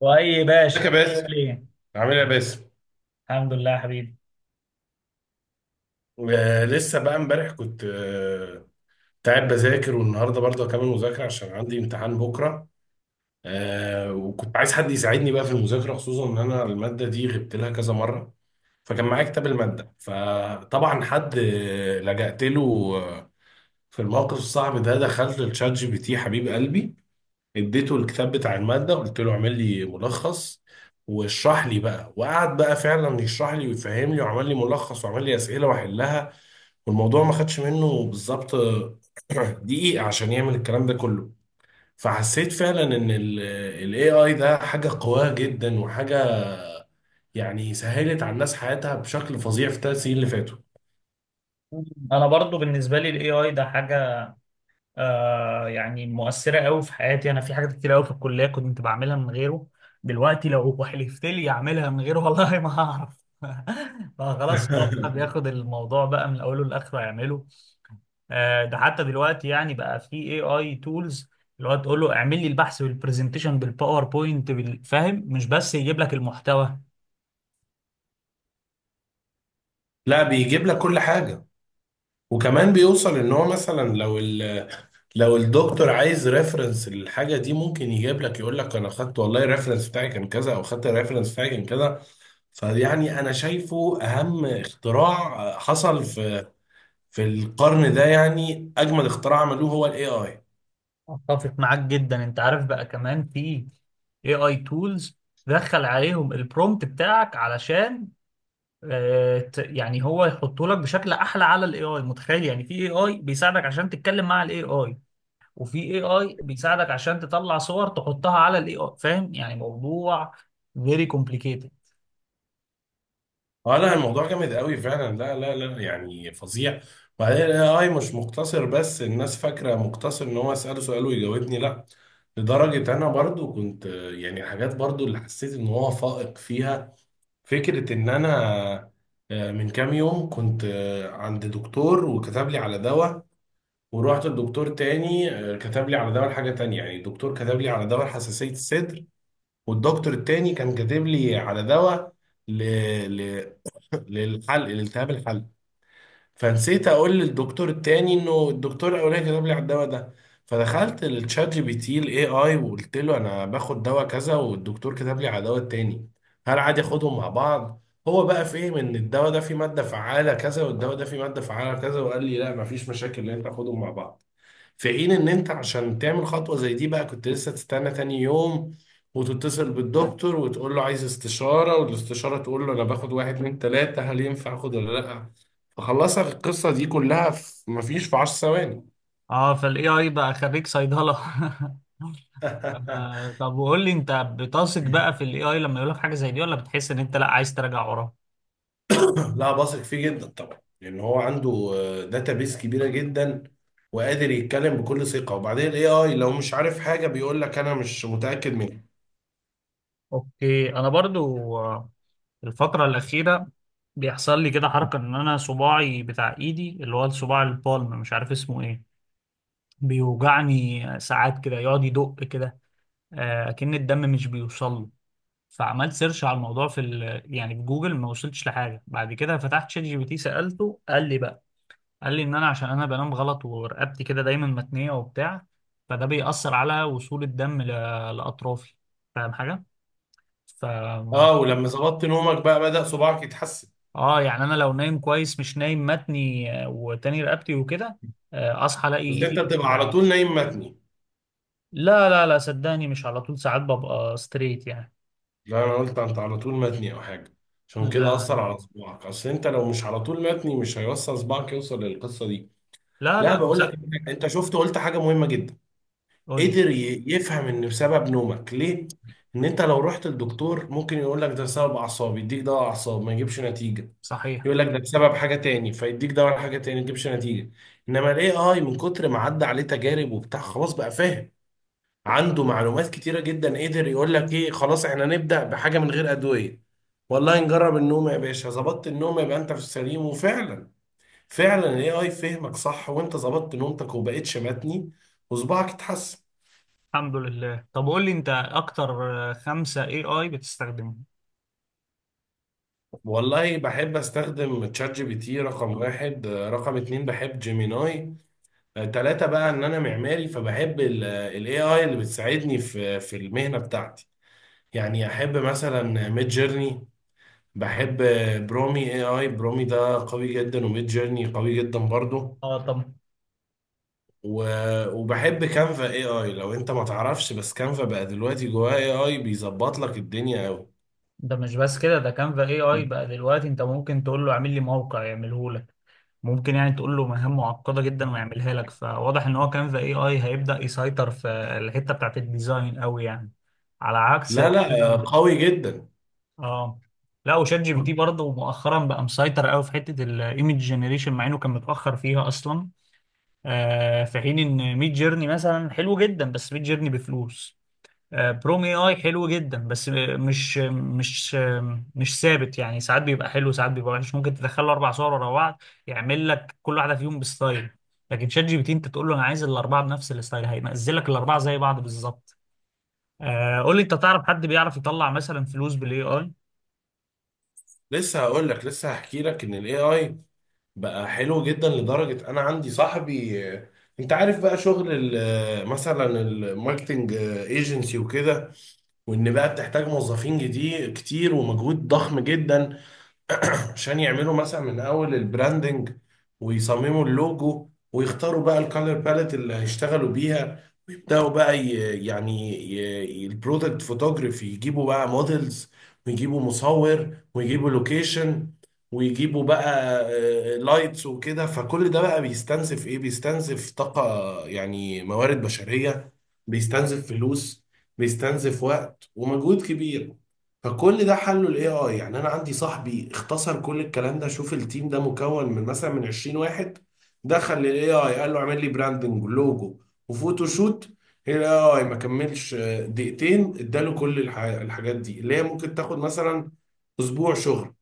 واي باشا، ازيك يا باسم؟ ليه؟ عامل ايه يا باسم؟ الحمد لله يا حبيبي. لسه بقى امبارح كنت قاعد بذاكر، والنهارده برضه هكمل مذاكره عشان عندي امتحان بكره. وكنت عايز حد يساعدني بقى في المذاكره، خصوصا ان انا الماده دي غبت لها كذا مره. فكان معايا كتاب الماده، فطبعا حد لجأت له آه، في الموقف الصعب ده. دخلت للشات جي بي تي حبيب قلبي، اديته الكتاب بتاع المادة، قلت له اعمل لي ملخص واشرح لي بقى. وقعد بقى فعلا يشرح لي ويفهم لي وعمل لي ملخص وعمل لي أسئلة واحلها، والموضوع ما خدش منه بالظبط دقيقة عشان يعمل الكلام ده كله. فحسيت فعلا ان ال AI ده حاجة قوية جدا، وحاجة يعني سهلت على الناس حياتها بشكل فظيع في الثلاث سنين اللي فاتوا. انا برضو بالنسبه لي الاي اي ده حاجه، يعني مؤثره قوي في حياتي. انا في حاجات كتير قوي في الكليه كنت بعملها من غيره، دلوقتي لو حلفت لي اعملها من غيره والله ما هعرف. فخلاص هو بقى بياخد الموضوع بقى من اوله لاخره يعمله. ده حتى دلوقتي يعني بقى في اي اي تولز، اللي هو تقول له اعمل لي البحث والبرزنتيشن بالباوربوينت بالفاهم، مش بس يجيب لك المحتوى. لا، بيجيب لك كل حاجة، وكمان بيوصل ان هو مثلا لو الدكتور عايز ريفرنس للحاجه دي ممكن يجيب لك، يقول لك انا خدت والله الريفرنس بتاعي كان كذا، او خدت الريفرنس بتاعي كان كذا. فيعني انا شايفه اهم اختراع حصل في القرن ده، يعني اجمل اختراع عملوه هو الاي اي. اتفق معاك جدا. انت عارف بقى، كمان في AI tools دخل عليهم البرومت بتاعك علشان يعني هو يحطه لك بشكل احلى على الاي اي. متخيل؟ يعني في اي اي بيساعدك عشان تتكلم مع الاي اي، وفي اي اي بيساعدك عشان تطلع صور تحطها على الاي اي. فاهم؟ يعني موضوع very complicated. اه لا، الموضوع جامد قوي فعلا، لا لا لا يعني فظيع. وبعدين الاي اي مش مقتصر بس، الناس فاكره مقتصر ان هو اساله سؤال ويجاوبني، لا. لدرجه انا برضو كنت، يعني حاجات برضو اللي حسيت ان هو فائق فيها، فكرة إن أنا من كام يوم كنت عند دكتور وكتب لي على دواء، ورحت لدكتور تاني كتب لي على دواء لحاجة تانية. يعني الدكتور كتب لي على دواء حساسية الصدر، والدكتور التاني كان كاتب لي على دواء ل... ل... للحلق، لالتهاب الحلق. فنسيت اقول للدكتور التاني انه الدكتور الاولاني كتب لي على الدواء ده. فدخلت للتشات جي بي تي الاي اي وقلت له انا باخد دواء كذا والدكتور كتب لي على دواء التاني، هل عادي اخدهم مع بعض؟ هو بقى فهم ان الدواء ده فيه ماده فعاله كذا، والدواء ده فيه ماده فعاله كذا، وقال لي لا، مفيش مشاكل ان انت تاخدهم مع بعض. في حين ان انت عشان تعمل خطوة زي دي بقى، كنت لسه تستنى تاني يوم وتتصل بالدكتور وتقول له عايز استشارة، والاستشارة تقول له انا باخد واحد اتنين تلاتة، هل ينفع اخد ولا لا. فخلصك القصة دي كلها في، مفيش في 10 ثواني. اه، فالاي اي بقى خريج صيدلة. طب وقول لي، انت بتثق بقى في الاي اي لما يقول لك حاجة زي دي، ولا بتحس ان انت لا، عايز تراجع وراه؟ لا، بثق فيه جدا طبعا، لان هو عنده داتابيس كبيرة جدا، وقادر يتكلم بكل ثقة. وبعدين الاي اي لو مش عارف حاجة بيقول لك انا مش متأكد منها. اوكي. انا برضو الفترة الأخيرة بيحصل لي كده حركة، ان انا صباعي بتاع ايدي اللي هو الصباع البالم، مش عارف اسمه ايه، بيوجعني ساعات كده، يقعد يدق كده، اكن الدم مش بيوصل له. فعملت سيرش على الموضوع في ال... يعني في جوجل، ما وصلتش لحاجة. بعد كده فتحت شات جي بي تي، سألته، قال لي بقى، قال لي ان انا عشان انا بنام غلط ورقبتي كده دايما متنية وبتاع، فده بيأثر على وصول الدم ل... لأطرافي. فاهم حاجة؟ اه، فالموضوع... ولما ظبطت نومك بقى بدأ صباعك يتحسن؟ اه يعني انا لو نايم كويس، مش نايم متني وتاني رقبتي وكده، اصحى الاقي بس انت ايدي مش بتبقى على وجعاني. طول نايم متني؟ لا لا لا، صدقني مش على طول، ساعات ببقى ستريت يعني. لا، انا قلت انت على طول متني او حاجه، عشان كده لا اثر على صباعك. اصل انت لو مش على طول متني مش هيوصل صباعك، يوصل للقصه دي. لا، لا، بقول لك انت، أنت شفت قلت حاجه مهمه جدا. قول لي. قدر يفهم ان بسبب نومك ليه. ان انت لو رحت للدكتور ممكن يقول لك ده بسبب اعصاب، يديك دواء اعصاب، ما يجيبش نتيجه. صحيح. يقول لك ده بسبب حاجه تاني، فيديك دواء حاجه تاني، ما يجيبش نتيجه. انما الاي اي من كتر ما عدى عليه تجارب وبتاع خلاص بقى فاهم، عنده معلومات كتيرة جدا، قدر يقول لك ايه، خلاص احنا نبدأ بحاجة من غير أدوية، والله نجرب النوم يا باشا. ظبطت النوم يبقى انت في السليم، وفعلا فعلا الاي اي فهمك صح، وانت ظبطت نومتك وبقيت شمتني وصباعك اتحسن. الحمد لله. طب قول لي، انت اكتر خمسة اي اي بتستخدمهم؟ والله بحب استخدم تشات جي بي تي رقم واحد. رقم اتنين بحب جيميناي. تلاتة بقى، ان انا معماري فبحب الاي اي اللي بتساعدني في المهنة بتاعتي. يعني احب مثلا ميد جيرني، بحب برومي اي اي، برومي ده قوي جدا وميد جيرني قوي جدا برضه. اه طب، و... وبحب كانفا اي اي لو انت ما تعرفش، بس كانفا بقى دلوقتي جواه اي اي بيظبط لك الدنيا قوي. ده مش بس كده، ده كانفا اي اي بقى دلوقتي انت ممكن تقول له اعمل لي موقع يعمله. ممكن يعني تقول له مهام معقدة جدا ويعملها لك. فواضح ان هو كان في اي اي هيبدأ يسيطر في الحتة بتاعت الديزاين قوي يعني، على عكس... لا لا، قوي جدا. اه لا. وشات جي بي تي برضه مؤخرا بقى مسيطر قوي في حتة الايمج جنريشن، مع انه كان متأخر فيها اصلا. آه، في حين ان ميد جيرني مثلا حلو جدا، بس ميد جيرني بفلوس. بروم اي اي حلو جدا بس مش مش مش ثابت. يعني ساعات بيبقى حلو، ساعات بيبقى وحش. ممكن تدخل له اربع صور ورا بعض، يعمل لك كل واحده فيهم بستايل. لكن شات جي بي تي، انت تقول له انا عايز الاربعه بنفس الستايل، هينزل لك الاربعه زي بعض بالظبط. قول لي، انت تعرف حد بيعرف يطلع مثلا فلوس بالاي اي؟ لسه هقول لك، لسه هحكي لك ان الاي اي بقى حلو جدا. لدرجه انا عندي صاحبي، انت عارف بقى شغل مثلا الماركتنج ايجنسي وكده، وان بقى بتحتاج موظفين جديد كتير ومجهود ضخم جدا عشان يعملوا مثلا من اول البراندنج، ويصمموا اللوجو، ويختاروا بقى الكالر باليت اللي هيشتغلوا بيها، ويبداوا بقى يعني البرودكت فوتوغرافي، يجيبوا بقى موديلز، ويجيبوا مصور، ويجيبوا لوكيشن، ويجيبوا بقى لايتس وكده. فكل ده بقى بيستنزف ايه؟ بيستنزف طاقة، يعني موارد بشرية، بيستنزف فلوس، بيستنزف وقت ومجهود كبير. فكل ده حله الاي اي. يعني انا عندي صاحبي اختصر كل الكلام ده. شوف، التيم ده مكون من مثلا من 20 واحد، دخل للاي اي قال له اعمل لي براندنج، لوجو، وفوتوشوت. الاي اي ما كملش دقيقتين، اداله كل الحاجات دي اللي هي ممكن تاخد مثلا اسبوع شغل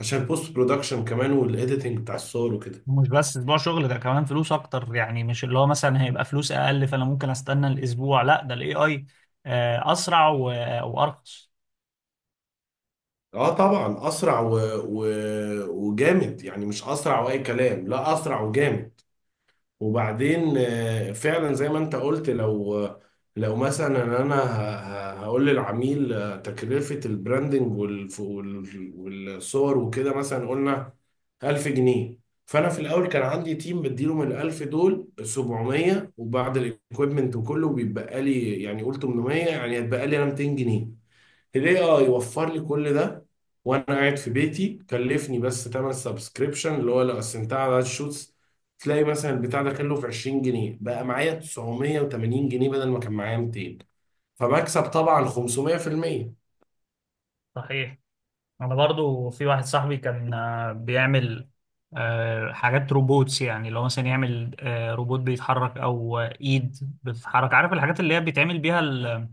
عشان بوست برودكشن كمان، والايديتنج بتاع الصور وكده. مش بس اسبوع شغل، ده كمان فلوس اكتر. يعني مش اللي هو مثلا هيبقى فلوس اقل فانا ممكن استنى الاسبوع، لا ده الاي اي اسرع وارخص. اه طبعا، اسرع و... وجامد، يعني مش اسرع واي كلام، لا اسرع وجامد. وبعدين فعلا زي ما انت قلت، لو لو مثلا انا هقول للعميل تكلفة البراندنج والصور وكده مثلا قلنا 1000 جنيه. فانا في الاول كان عندي تيم بديله من ال 1000 دول 700، وبعد الايكويبمنت وكله بيتبقى لي يعني قول 800، يعني هيتبقى لي انا 200 جنيه. الاي اي وفر لي كل ده، وانا قاعد في بيتي كلفني بس تمن سبسكريبشن، اللي هو لو قسمتها على عدد الشوتس تلاقي مثلا البتاع ده كله في 20 جنيه، بقى معايا 980 جنيه بدل ما كان معايا 200. فمكسب طبعا 500%. صحيح. انا برضو في واحد صاحبي كان بيعمل حاجات روبوتس. يعني لو مثلا يعمل روبوت بيتحرك، او ايد بتتحرك. عارف الحاجات اللي هي بيتعمل بيها ال...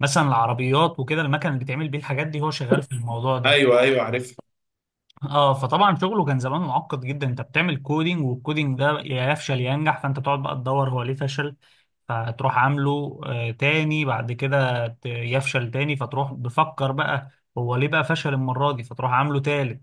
مثلا العربيات وكده، المكن اللي بيتعمل بيه الحاجات دي، هو شغال في الموضوع ده. ايوه ايوه عرفت. اه فطبعا شغله كان زمان معقد جدا. انت بتعمل كودينج، والكودينج ده يا يفشل يا ينجح، فانت تقعد بقى تدور هو ليه فشل، فتروح عامله تاني. بعد كده يفشل تاني، فتروح بفكر بقى هو ليه بقى فشل المرة دي، فتروح عامله تالت.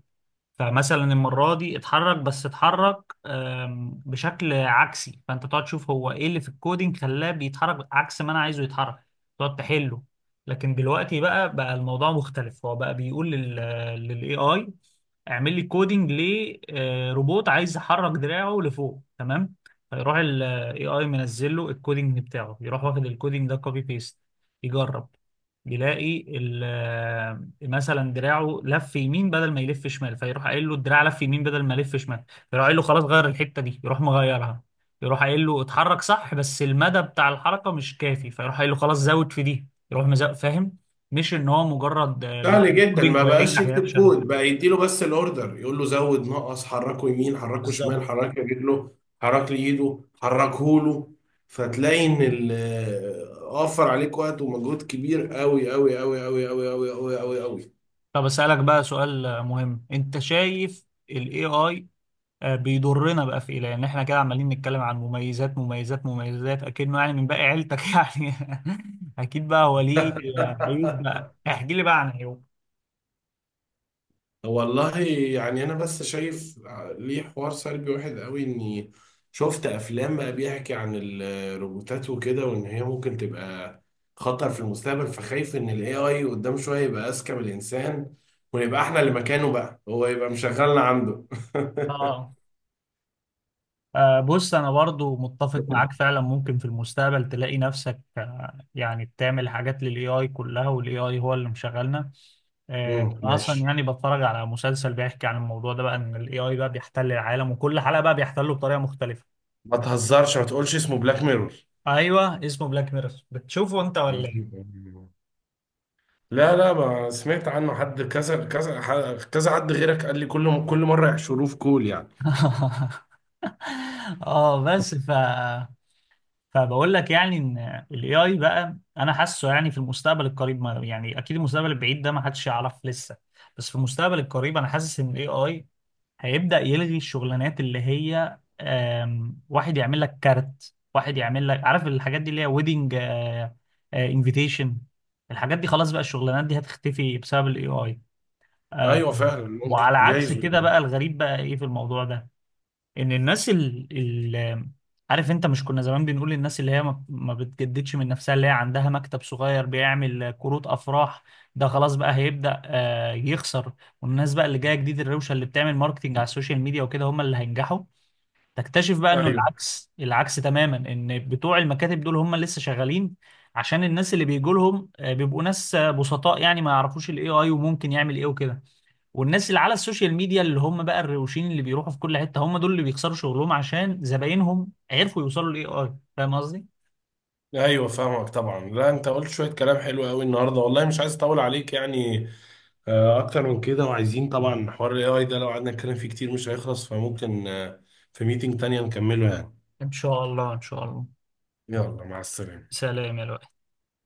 فمثلا المرة دي اتحرك، بس اتحرك بشكل عكسي، فانت تقعد تشوف هو ايه اللي في الكودينج خلاه بيتحرك عكس ما انا عايزه يتحرك، تقعد تحله. لكن دلوقتي بقى الموضوع مختلف. هو بقى بيقول للاي اي اعمل لي كودينج لروبوت عايز يحرك دراعه لفوق، تمام؟ فيروح الاي اي منزل له الكودينج بتاعه. يروح واخد الكودينج ده كوبي بيست، يجرب، يلاقي مثلا دراعه لف يمين بدل ما يلف شمال، فيروح قايل له الدراع لف يمين بدل ما لف شمال، فيروح قايل له خلاص غير الحتة دي، يروح مغيرها. يروح قايل له اتحرك صح بس المدى بتاع الحركة مش كافي، فيروح قايل له خلاص زود في دي، يروح مزود. فاهم؟ مش ان هو مجرد سهل بيديك جدا، كودينج ما ولا بقاش ينجح يكتب يفشل. كود بقى، يديله بس الاوردر، يقول له زود، نقص، حركه يمين، حركه شمال، بالظبط. حرك لي رجله، حرك لي ايده، حركه له. فتلاقي ان وفر عليك وقت ومجهود كبير قوي قوي قوي قوي قوي قوي قوي قوي قوي. طب اسألك بقى سؤال مهم، انت شايف ال AI بيضرنا بقى في ايه؟ لان احنا كده عمالين نتكلم عن مميزات مميزات مميزات، اكنه يعني من باقي عيلتك يعني. اكيد بقى هو ليه عيوب، بقى احكي لي بقى عن عيوب. والله يعني انا بس شايف ليه حوار سلبي واحد قوي، اني شفت افلام بقى بيحكي عن الروبوتات وكده، وان هي ممكن تبقى خطر في المستقبل. فخايف ان الاي اي قدام شويه يبقى اذكى من الانسان، ونبقى احنا اللي مكانه بقى، هو يبقى مشغلنا عنده. اه بص، انا برضو متفق معاك. فعلا ممكن في المستقبل تلاقي نفسك يعني بتعمل حاجات للاي اي كلها، والاي اي هو اللي مشغلنا. انا اصلا ماشي. يعني بتفرج على مسلسل بيحكي عن الموضوع ده بقى، ان الاي اي بقى بيحتل العالم، وكل حلقة بقى بيحتله بطريقة مختلفة. ما تهزرش، ما تقولش اسمه بلاك ميرور؟ ايوه اسمه بلاك ميرور. بتشوفه انت ولا إيه؟ لا لا، ما سمعت عنه، حد كذا كذا كذا، حد غيرك قال لي. كل مره يحشروه في كول يعني. اه بس فبقول لك يعني، ان الاي اي بقى انا حاسه يعني في المستقبل القريب، ما يعني اكيد المستقبل البعيد ده ما حدش يعرف لسه، بس في المستقبل القريب انا حاسس ان الاي اي هيبدأ يلغي الشغلانات اللي هي واحد يعمل لك كارت، واحد يعمل لك، عارف الحاجات دي اللي هي ويدنج انفيتيشن. الحاجات دي خلاص بقى، الشغلانات دي هتختفي بسبب الاي اي. ايوه فعلا، ممكن وعلى عكس جايز كده والله. بقى، الغريب بقى ايه في الموضوع ده، ان الناس ال... عارف، انت مش كنا زمان بنقول الناس اللي هي ما بتجددش من نفسها، اللي هي عندها مكتب صغير بيعمل كروت افراح، ده خلاص بقى هيبدأ يخسر. والناس بقى اللي جايه جديد، الروشه اللي بتعمل ماركتينج على السوشيال ميديا وكده، هم اللي هينجحوا. تكتشف بقى انه ايوه، العكس، العكس تماما. ان بتوع المكاتب دول هم لسه شغالين، عشان الناس اللي بيجوا لهم بيبقوا ناس بسطاء، يعني ما يعرفوش الاي اي وممكن يعمل ايه وكده. والناس اللي على السوشيال ميديا، اللي هم بقى الروشين اللي بيروحوا في كل حتة، هم دول اللي بيخسروا شغلهم، عشان زباينهم عرفوا يوصلوا للاي اي. فاهم قصدي؟ ايوه فاهمك طبعا. لا، انت قلت شويه كلام حلو قوي النهارده والله، مش عايز اطول عليك يعني اكتر من كده. وعايزين طبعا حوار الاي اي ده لو قعدنا نتكلم فيه كتير مش هيخلص، فممكن في ميتنج تانية نكمله يعني. ان شاء الله، ان شاء الله. يلا، مع السلامه. سلام يا لؤي.